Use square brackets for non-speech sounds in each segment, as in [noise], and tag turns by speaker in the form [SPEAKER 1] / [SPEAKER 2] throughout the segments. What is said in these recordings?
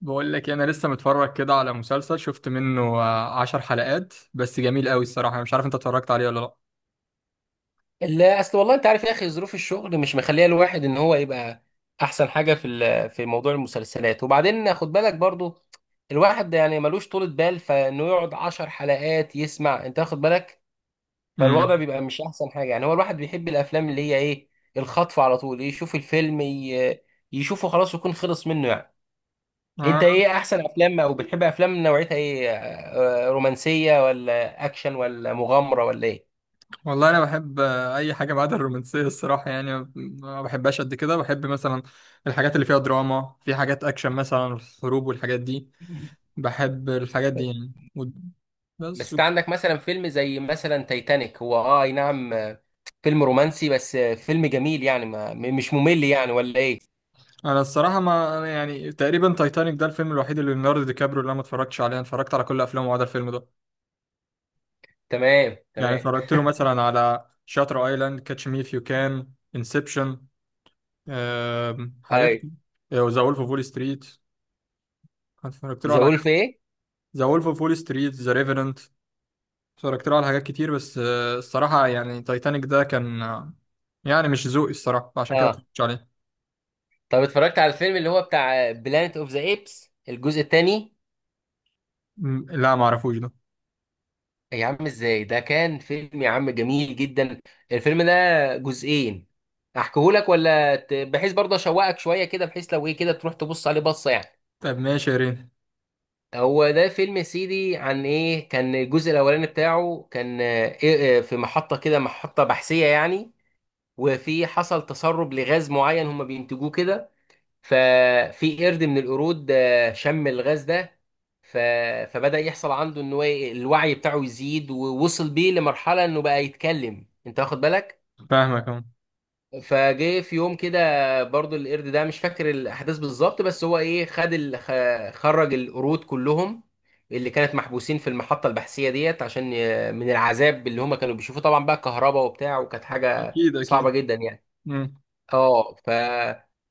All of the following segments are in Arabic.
[SPEAKER 1] بقول لك إيه، انا لسه متفرج كده على مسلسل شفت منه 10 حلقات بس جميل قوي الصراحه. أنا مش عارف انت اتفرجت عليه ولا لا؟
[SPEAKER 2] لا، اصل والله انت عارف يا اخي، ظروف الشغل مش مخليه الواحد ان هو يبقى احسن حاجه في موضوع المسلسلات. وبعدين خد بالك برضو الواحد يعني ملوش طولة بال فانه يقعد عشر حلقات يسمع، انت واخد بالك.
[SPEAKER 1] امم.
[SPEAKER 2] فالوضع بيبقى مش احسن حاجه. يعني هو الواحد بيحب الافلام اللي هي ايه، الخطف على طول، يشوف الفيلم يشوفه خلاص ويكون خلص منه يعني.
[SPEAKER 1] آه.
[SPEAKER 2] انت ايه احسن افلام، او بتحب افلام نوعيتها ايه؟ رومانسيه ولا اكشن ولا مغامره ولا ايه؟
[SPEAKER 1] والله انا بحب اي حاجه ما عدا الرومانسيه الصراحه يعني ما بحبهاش قد كده. بحب مثلا الحاجات اللي فيها دراما، في حاجات اكشن مثلا الحروب والحاجات دي،
[SPEAKER 2] [laughs]
[SPEAKER 1] بحب الحاجات دي يعني
[SPEAKER 2] بس
[SPEAKER 1] بس و-
[SPEAKER 2] انت عندك مثلا فيلم زي مثلا تايتانيك، هو اي نعم، فيلم رومانسي بس فيلم جميل يعني ما م- مش ممل يعني، ولا ايه؟
[SPEAKER 1] انا الصراحه، ما أنا يعني تقريبا تايتانيك ده الفيلم الوحيد اللي ليوناردو دي كابريو اللي انا ما اتفرجتش عليه. أنا اتفرجت على كل افلامه ما عدا الفيلم ده.
[SPEAKER 2] تمام،
[SPEAKER 1] يعني
[SPEAKER 2] تمام.
[SPEAKER 1] اتفرجت له مثلا على شاتر ايلاند، كاتش مي اف يو كان، انسبشن، حاجات.
[SPEAKER 2] اي.
[SPEAKER 1] ذا وولف اوف وول ستريت. اتفرجت له
[SPEAKER 2] ذا
[SPEAKER 1] على
[SPEAKER 2] وولف
[SPEAKER 1] كذا.
[SPEAKER 2] ايه؟
[SPEAKER 1] ذا وولف اوف وول ستريت، ذا ريفرنت. اتفرجت له على حاجات كتير، بس الصراحة يعني تايتانيك ده كان يعني مش ذوقي الصراحة عشان كده
[SPEAKER 2] اه.
[SPEAKER 1] متفرجتش عليه.
[SPEAKER 2] طب اتفرجت على الفيلم اللي هو بتاع بلانت اوف ذا ايبس الجزء الثاني؟
[SPEAKER 1] لا، ما اعرفوش ده.
[SPEAKER 2] يا عم ازاي، ده كان فيلم يا عم جميل جدا، الفيلم ده. جزئين. احكيهولك ولا بحيث برضه اشوقك شويه كده، بحيث لو ايه كده تروح تبص عليه بصه يعني.
[SPEAKER 1] طب ماشي يا رين.
[SPEAKER 2] هو ده فيلم يا سيدي، عن ايه كان الجزء الاولاني بتاعه، كان آه، إيه آه، في محطة كده، محطة بحثية يعني. وفي حصل تسرب لغاز معين هم بينتجوه كده. ففي قرد من القرود شم الغاز ده. ف... فبدأ يحصل عنده ان هو الوعي بتاعه يزيد، ووصل بيه لمرحلة انه بقى يتكلم، انت واخد بالك.
[SPEAKER 1] فاهمك اهو.
[SPEAKER 2] فجه في يوم كده، برضو القرد ده مش فاكر الاحداث بالظبط، بس هو ايه، خرج القرود كلهم اللي كانت محبوسين في المحطه البحثيه ديت، عشان من العذاب اللي هم كانوا بيشوفوه، طبعا بقى كهرباء وبتاع، وكانت حاجه
[SPEAKER 1] اكيد، اكيد.
[SPEAKER 2] صعبه جدا يعني.
[SPEAKER 1] مم.
[SPEAKER 2] اه ف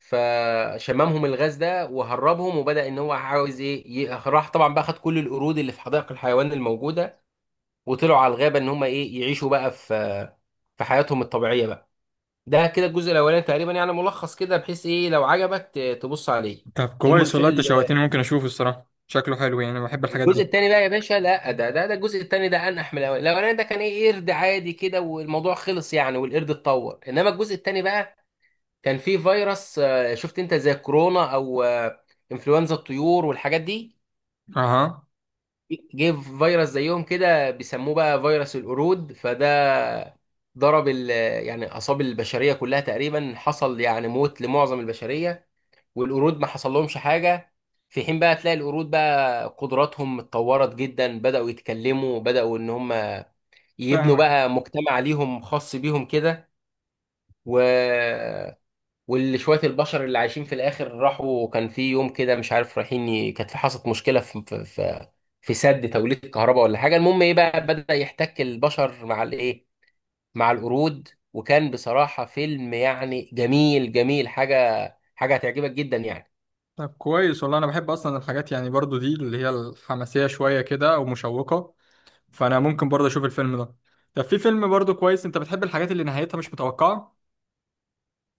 [SPEAKER 2] فشممهم الغاز ده وهربهم، وبدأ ان هو عاوز ايه، راح طبعا بقى خد كل القرود اللي في حدائق الحيوان الموجوده، وطلعوا على الغابه ان هم ايه، يعيشوا بقى في حياتهم الطبيعيه بقى. ده كده الجزء الاولاني تقريبا، يعني ملخص كده بحيث ايه لو عجبك تبص عليه.
[SPEAKER 1] طب كويس
[SPEAKER 2] الملف
[SPEAKER 1] والله، انت
[SPEAKER 2] ال-
[SPEAKER 1] شوقتني، ممكن اشوفه الصراحة. شكله حلو يعني، بحب الحاجات
[SPEAKER 2] الجزء
[SPEAKER 1] دي.
[SPEAKER 2] الثاني بقى يا باشا، لا ده ده الجزء الثاني ده انح من الاولاني. الاولاني ده كان ايه، قرد عادي كده والموضوع خلص يعني والقرد اتطور، انما الجزء الثاني بقى كان فيه فيروس، شفت انت، زي كورونا او انفلونزا الطيور والحاجات دي.
[SPEAKER 1] اها.
[SPEAKER 2] جه فيروس زيهم كده بيسموه بقى فيروس القرود، فده ضرب ال- يعني اصاب البشريه كلها تقريبا. حصل يعني موت لمعظم البشريه، والقرود ما حصل لهمش حاجه. في حين بقى تلاقي القرود بقى قدراتهم اتطورت جدا، بداوا يتكلموا، بداوا ان هم يبنوا
[SPEAKER 1] فاهمك.
[SPEAKER 2] بقى مجتمع ليهم خاص بيهم كده. و واللي شويه البشر اللي عايشين في الاخر، راحوا كان في يوم كده مش عارف رايحين كانت في حصلت مشكله في في سد توليد الكهرباء ولا حاجه، المهم ايه بقى، بدا يحتك البشر مع الايه، مع القرود، وكان بصراحه فيلم يعني جميل جميل، حاجه حاجه هتعجبك جدا يعني.
[SPEAKER 1] طب كويس والله، انا بحب اصلا الحاجات يعني برضو دي اللي هي الحماسيه شويه كده او مشوقه. فانا ممكن برضو اشوف الفيلم ده. طب في فيلم برضو كويس، انت بتحب الحاجات اللي نهايتها مش متوقعه؟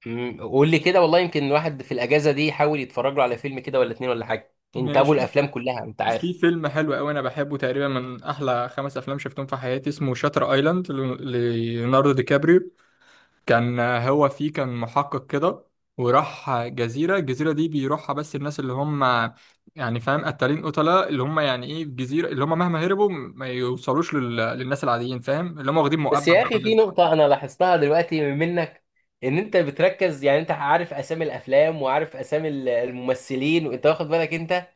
[SPEAKER 2] قول لي كده والله، يمكن الواحد في الاجازه دي يحاول يتفرج له على فيلم كده، ولا اتنين ولا حاجه. انت ابو
[SPEAKER 1] ماشي.
[SPEAKER 2] الافلام كلها انت،
[SPEAKER 1] في
[SPEAKER 2] عارف.
[SPEAKER 1] فيلم حلو قوي انا بحبه، تقريبا من احلى خمس افلام شفتهم في حياتي، اسمه شاتر ايلاند، ليوناردو دي كابريو. كان هو فيه كان محقق كده. وراح جزيرة، الجزيرة دي بيروحها، بس الناس اللي هم يعني فاهم، قتالين، قتلة، اللي هم يعني ايه الجزيرة اللي هم مهما هربوا ما يوصلوش للناس العاديين. فاهم، اللي هم واخدين مؤبد
[SPEAKER 2] بس يا
[SPEAKER 1] بقى
[SPEAKER 2] اخي في
[SPEAKER 1] والناس دي.
[SPEAKER 2] نقطه انا لاحظتها دلوقتي منك، ان انت بتركز يعني، انت عارف اسامي الافلام وعارف اسامي الممثلين، وانت واخد بالك انت.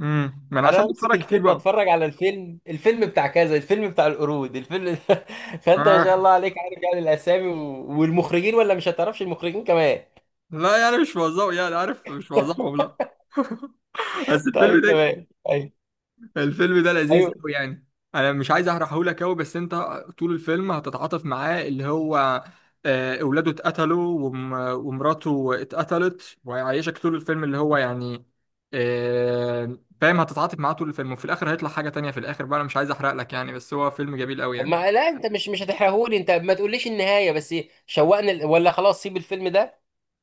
[SPEAKER 1] امم، ما انا
[SPEAKER 2] انا
[SPEAKER 1] عشان
[SPEAKER 2] امسك
[SPEAKER 1] بتفرج كتير
[SPEAKER 2] الفيلم
[SPEAKER 1] بقى.
[SPEAKER 2] اتفرج على الفيلم، الفيلم بتاع كذا، الفيلم بتاع القرود، الفيلم. [laughs] فانت ما شاء
[SPEAKER 1] آه.
[SPEAKER 2] الله عليك عارف يعني الاسامي والمخرجين، ولا مش هتعرفش المخرجين كمان؟
[SPEAKER 1] لا يعني مش بوظفه يعني، عارف، مش بوظفهم لا. [laughs] بس الفيلم
[SPEAKER 2] طيب،
[SPEAKER 1] ده،
[SPEAKER 2] تمام طيب.
[SPEAKER 1] الفيلم ده لذيذ
[SPEAKER 2] ايوه.
[SPEAKER 1] قوي يعني. انا مش عايز احرقه لك قوي بس انت، طول الفيلم هتتعاطف معاه اللي هو، اولاده اتقتلوا ومراته اتقتلت وهيعيشك طول الفيلم اللي هو يعني، فاهم، هتتعاطف معاه طول الفيلم وفي الاخر هيطلع حاجة تانية، في الاخر بقى انا مش عايز احرق لك يعني، بس هو فيلم جميل قوي
[SPEAKER 2] طب
[SPEAKER 1] يعني.
[SPEAKER 2] ما لا، انت مش هتحرقهولي، انت ما تقوليش النهايه بس، شوقنا ولا خلاص سيب الفيلم ده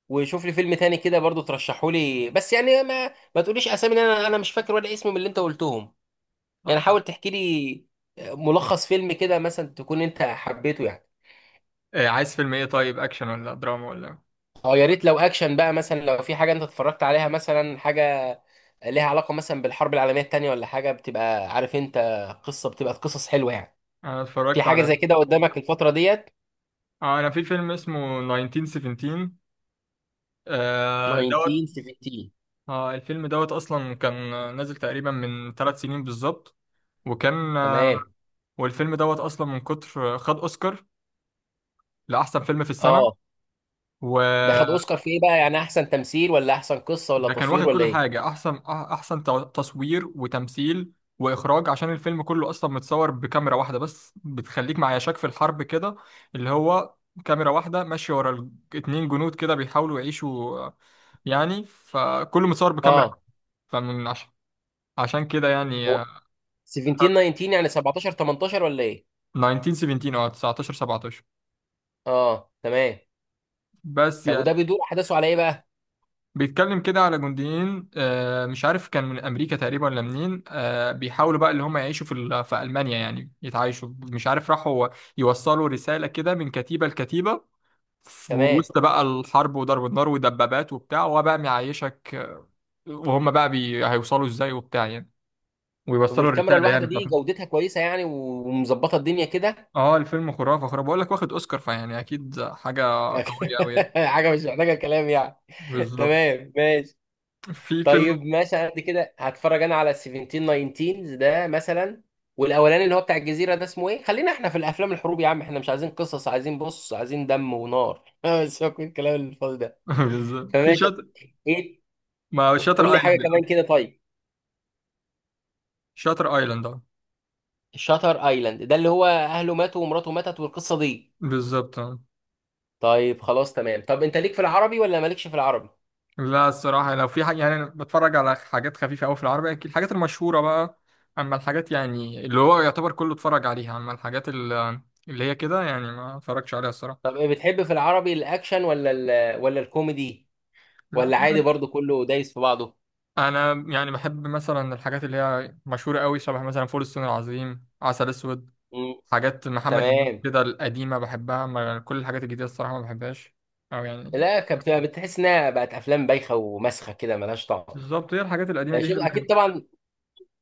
[SPEAKER 2] وشوف لي فيلم تاني كده برضو ترشحهولي، بس يعني ما تقوليش اسامي، إن انا مش فاكر ولا اسم من اللي انت قلتهم. يعني حاول تحكي لي ملخص فيلم كده مثلا تكون انت حبيته يعني.
[SPEAKER 1] عايز فيلم ايه طيب، اكشن ولا دراما ولا إيه؟
[SPEAKER 2] اه يا ريت لو اكشن بقى، مثلا لو في حاجه انت اتفرجت عليها، مثلا حاجه ليها علاقه مثلا بالحرب العالميه التانيه ولا حاجه، بتبقى عارف انت، قصه بتبقى قصص حلوه يعني.
[SPEAKER 1] انا
[SPEAKER 2] في
[SPEAKER 1] اتفرجت
[SPEAKER 2] حاجه
[SPEAKER 1] على،
[SPEAKER 2] زي كده قدامك الفتره ديت؟
[SPEAKER 1] انا في فيلم اسمه 1917 دوت.
[SPEAKER 2] 1917؟
[SPEAKER 1] اه، الفيلم دوت اصلا كان نازل تقريبا من 3 سنين بالظبط. وكان
[SPEAKER 2] تمام.
[SPEAKER 1] والفيلم دوت اصلا من كتر خد اوسكار لاحسن فيلم في السنه.
[SPEAKER 2] اه، ده خد
[SPEAKER 1] وده
[SPEAKER 2] اوسكار في ايه بقى، يعني احسن تمثيل ولا احسن قصه ولا
[SPEAKER 1] كان
[SPEAKER 2] تصوير
[SPEAKER 1] واخد
[SPEAKER 2] ولا
[SPEAKER 1] كل
[SPEAKER 2] ايه؟
[SPEAKER 1] حاجه، احسن تصوير وتمثيل واخراج، عشان الفيلم كله اصلا متصور بكاميرا واحده بس بتخليك مع يشاك في الحرب كده، اللي هو كاميرا واحده ماشيه ورا اتنين جنود كده بيحاولوا يعيشوا، يعني فكله متصور بكاميرا.
[SPEAKER 2] اه.
[SPEAKER 1] فمن عش- عشان كده يعني،
[SPEAKER 2] هو 17 19 يعني، 17 18 ولا ايه؟
[SPEAKER 1] 1917. اه، 19، 17.
[SPEAKER 2] اه، تمام.
[SPEAKER 1] بس
[SPEAKER 2] طب وده
[SPEAKER 1] يعني
[SPEAKER 2] بيدور احداثه على ايه بقى؟
[SPEAKER 1] بيتكلم كده على جنديين، مش عارف كان من امريكا تقريبا ولا منين، بيحاولوا بقى اللي هم يعيشوا في المانيا يعني يتعايشوا، مش عارف راحوا يوصلوا رساله كده من كتيبه لكتيبه في
[SPEAKER 2] تمام.
[SPEAKER 1] وسط بقى الحرب وضرب النار ودبابات وبتاع، وهو بقى معيشك، وهم بقى هيوصلوا ازاي وبتاع يعني،
[SPEAKER 2] طب
[SPEAKER 1] ويوصلوا
[SPEAKER 2] والكاميرا
[SPEAKER 1] الرساله
[SPEAKER 2] الواحده
[SPEAKER 1] يعني
[SPEAKER 2] دي
[SPEAKER 1] بتاعتهم.
[SPEAKER 2] جودتها كويسه يعني، ومظبطه الدنيا كده؟
[SPEAKER 1] اه الفيلم خرافه خرافه بقول لك، واخد اوسكار فيعني اكيد حاجه قويه
[SPEAKER 2] [laughs]
[SPEAKER 1] قوي يعني.
[SPEAKER 2] حاجه مش محتاجه كلام يعني.
[SPEAKER 1] بالظبط،
[SPEAKER 2] تمام، ماشي.
[SPEAKER 1] في
[SPEAKER 2] طيب،
[SPEAKER 1] فيلم.
[SPEAKER 2] ماشي، على قد كده هتفرج انا على 17 19 ده مثلا، والاولاني اللي هو بتاع الجزيره ده اسمه ايه. خلينا احنا في الافلام الحروب يا عم، احنا مش عايزين قصص، عايزين بص، عايزين دم ونار، [laughs] بس هو كل الكلام الفاضي ده.
[SPEAKER 1] [laughs] بالظبط في
[SPEAKER 2] فماشي.
[SPEAKER 1] شاطر
[SPEAKER 2] ايه؟
[SPEAKER 1] ما
[SPEAKER 2] قول
[SPEAKER 1] شاتر
[SPEAKER 2] لي حاجه
[SPEAKER 1] ايلاند
[SPEAKER 2] كمان
[SPEAKER 1] الأول.
[SPEAKER 2] كده طيب.
[SPEAKER 1] شاتر ايلاند، اه.
[SPEAKER 2] شاتر ايلاند ده اللي هو اهله ماتوا ومراته ماتت والقصه دي؟
[SPEAKER 1] بالظبط، اه.
[SPEAKER 2] طيب خلاص تمام. طب انت ليك في العربي ولا مالكش في العربي؟
[SPEAKER 1] لا، الصراحه لو في حاجه يعني انا بتفرج على حاجات خفيفه قوي في العربي، أكيد الحاجات المشهوره بقى، اما الحاجات يعني اللي هو يعتبر كله اتفرج عليها. اما الحاجات اللي هي كده يعني ما اتفرجش عليها الصراحه.
[SPEAKER 2] طب ايه بتحب في العربي، الاكشن ولا ولا الكوميدي،
[SPEAKER 1] لا،
[SPEAKER 2] ولا
[SPEAKER 1] في
[SPEAKER 2] عادي
[SPEAKER 1] حاجات.
[SPEAKER 2] برضو كله دايس في بعضه؟
[SPEAKER 1] انا يعني بحب مثلا الحاجات اللي هي مشهوره قوي، شبه مثلا فول الصين العظيم، عسل اسود،
[SPEAKER 2] مم.
[SPEAKER 1] حاجات محمد هنيدي
[SPEAKER 2] تمام.
[SPEAKER 1] كده القديمه بحبها، اما كل الحاجات الجديده الصراحه ما بحبهاش. او يعني،
[SPEAKER 2] لا، كانت بتبقى بتحس انها بقت افلام بايخه ومسخه كده ملهاش طعم.
[SPEAKER 1] بالظبط، هي الحاجات القديمه
[SPEAKER 2] يعني
[SPEAKER 1] دي هي
[SPEAKER 2] شوف،
[SPEAKER 1] اللي
[SPEAKER 2] اكيد
[SPEAKER 1] كانت.
[SPEAKER 2] طبعا،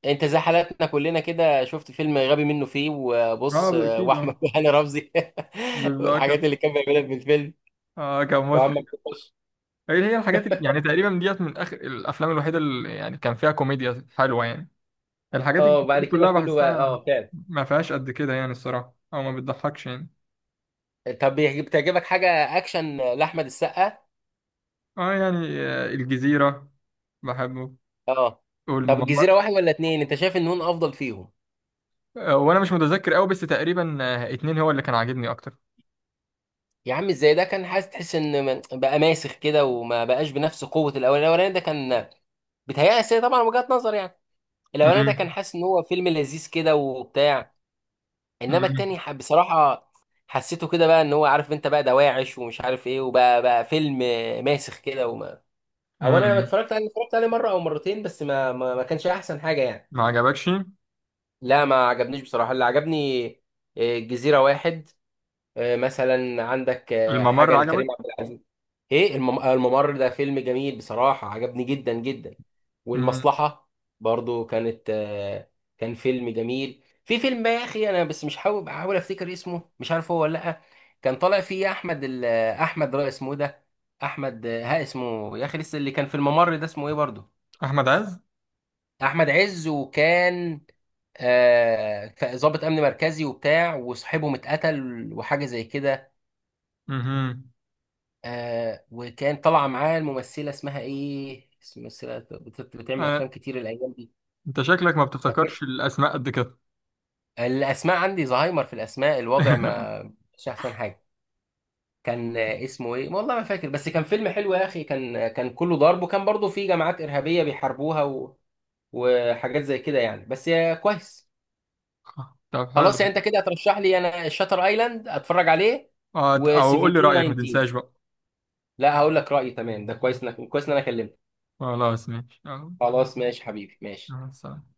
[SPEAKER 2] انت زي حالاتنا كلنا كده، شفت فيلم غبي منه فيه وبص،
[SPEAKER 1] اه، اكيد، اه.
[SPEAKER 2] واحمد [laughs] وهاني رمزي. [laughs]
[SPEAKER 1] بالظبط
[SPEAKER 2] والحاجات
[SPEAKER 1] كده.
[SPEAKER 2] اللي كان بيعملها في الفيلم
[SPEAKER 1] اه، كان
[SPEAKER 2] وعمك
[SPEAKER 1] مضحك.
[SPEAKER 2] تخش.
[SPEAKER 1] هي هي الحاجات اللي يعني تقريبا ديت من اخر الافلام الوحيده اللي يعني كان فيها كوميديا حلوه يعني، الحاجات دي
[SPEAKER 2] اه وبعد كده
[SPEAKER 1] كلها
[SPEAKER 2] كله
[SPEAKER 1] بحسها
[SPEAKER 2] اه، فعلا.
[SPEAKER 1] ما فيهاش قد كده يعني الصراحه، او ما بتضحكش يعني.
[SPEAKER 2] طب بتعجبك حاجه اكشن لاحمد السقا؟
[SPEAKER 1] اه يعني الجزيره بحبه.
[SPEAKER 2] اه. طب
[SPEAKER 1] والمم...
[SPEAKER 2] الجزيره واحد ولا اتنين، انت شايف ان هون افضل فيهم؟
[SPEAKER 1] وانا مش متذكر قوي، بس تقريبا اتنين هو اللي كان عاجبني اكتر.
[SPEAKER 2] يا عم، ازاي ده كان، حاسس تحس ان بقى ماسخ كده وما بقاش بنفس قوه الاولاني. الاولاني ده كان بيتهيألي طبعا وجهة نظر يعني، الاولاني ده كان
[SPEAKER 1] امم.
[SPEAKER 2] حاسس ان هو فيلم لذيذ كده وبتاع، انما
[SPEAKER 1] امم.
[SPEAKER 2] التاني بصراحه حسيته كده بقى، ان هو عارف انت، بقى دواعش ومش عارف ايه، وبقى فيلم ماسخ كده، وما. او انا لما
[SPEAKER 1] امم.
[SPEAKER 2] اتفرجت عليه، اتفرجت عليه مره او مرتين، بس ما كانش احسن حاجه يعني.
[SPEAKER 1] ما عجبكش؟
[SPEAKER 2] لا، ما عجبنيش بصراحه. اللي عجبني الجزيره واحد، مثلا عندك
[SPEAKER 1] الممر
[SPEAKER 2] حاجه لكريم
[SPEAKER 1] عجبك؟
[SPEAKER 2] عبد العزيز. ايه، الممر ده فيلم جميل بصراحة عجبني جدا جدا.
[SPEAKER 1] امم.
[SPEAKER 2] والمصلحة برضو كانت كان فيلم جميل. في فيلم بقى يا اخي انا بس مش بحاول افتكر اسمه، مش عارف هو ولا لا. كان طالع فيه احمد رأي، اسمه إيه ده، احمد آه، ها اسمه يا اخي لسه، اللي كان في الممر ده اسمه ايه برضو.
[SPEAKER 1] احمد عز.
[SPEAKER 2] احمد عز، وكان ضابط امن مركزي وبتاع، وصاحبهم اتقتل وحاجة زي كده.
[SPEAKER 1] امم.
[SPEAKER 2] وكان طالعه معاه الممثله، اسمها ايه، ممثله بتعمل
[SPEAKER 1] آه،
[SPEAKER 2] افلام كتير الايام دي.
[SPEAKER 1] انت شكلك ما
[SPEAKER 2] فكان
[SPEAKER 1] بتفتكرش الاسماء قد كده.
[SPEAKER 2] الاسماء عندي زهايمر في الاسماء، الوضع
[SPEAKER 1] [laughs]
[SPEAKER 2] ما مش احسن حاجه. كان اسمه ايه والله ما فاكر، بس كان فيلم حلو يا اخي، كان كان كله ضرب، وكان برضه في جماعات ارهابيه بيحاربوها وحاجات زي كده يعني، بس يا كويس.
[SPEAKER 1] طب، حلو.
[SPEAKER 2] خلاص يعني انت كده هترشح لي انا شاتر ايلاند اتفرج عليه
[SPEAKER 1] اه، او قول
[SPEAKER 2] و17
[SPEAKER 1] لي رأيك ما
[SPEAKER 2] 19.
[SPEAKER 1] تنساش بقى.
[SPEAKER 2] لا هقول لك رايي تمام. ده كويس، انك كويس ان انا كلمتك.
[SPEAKER 1] خلاص ماشي، اه.
[SPEAKER 2] خلاص ماشي حبيبي ماشي.
[SPEAKER 1] سلام.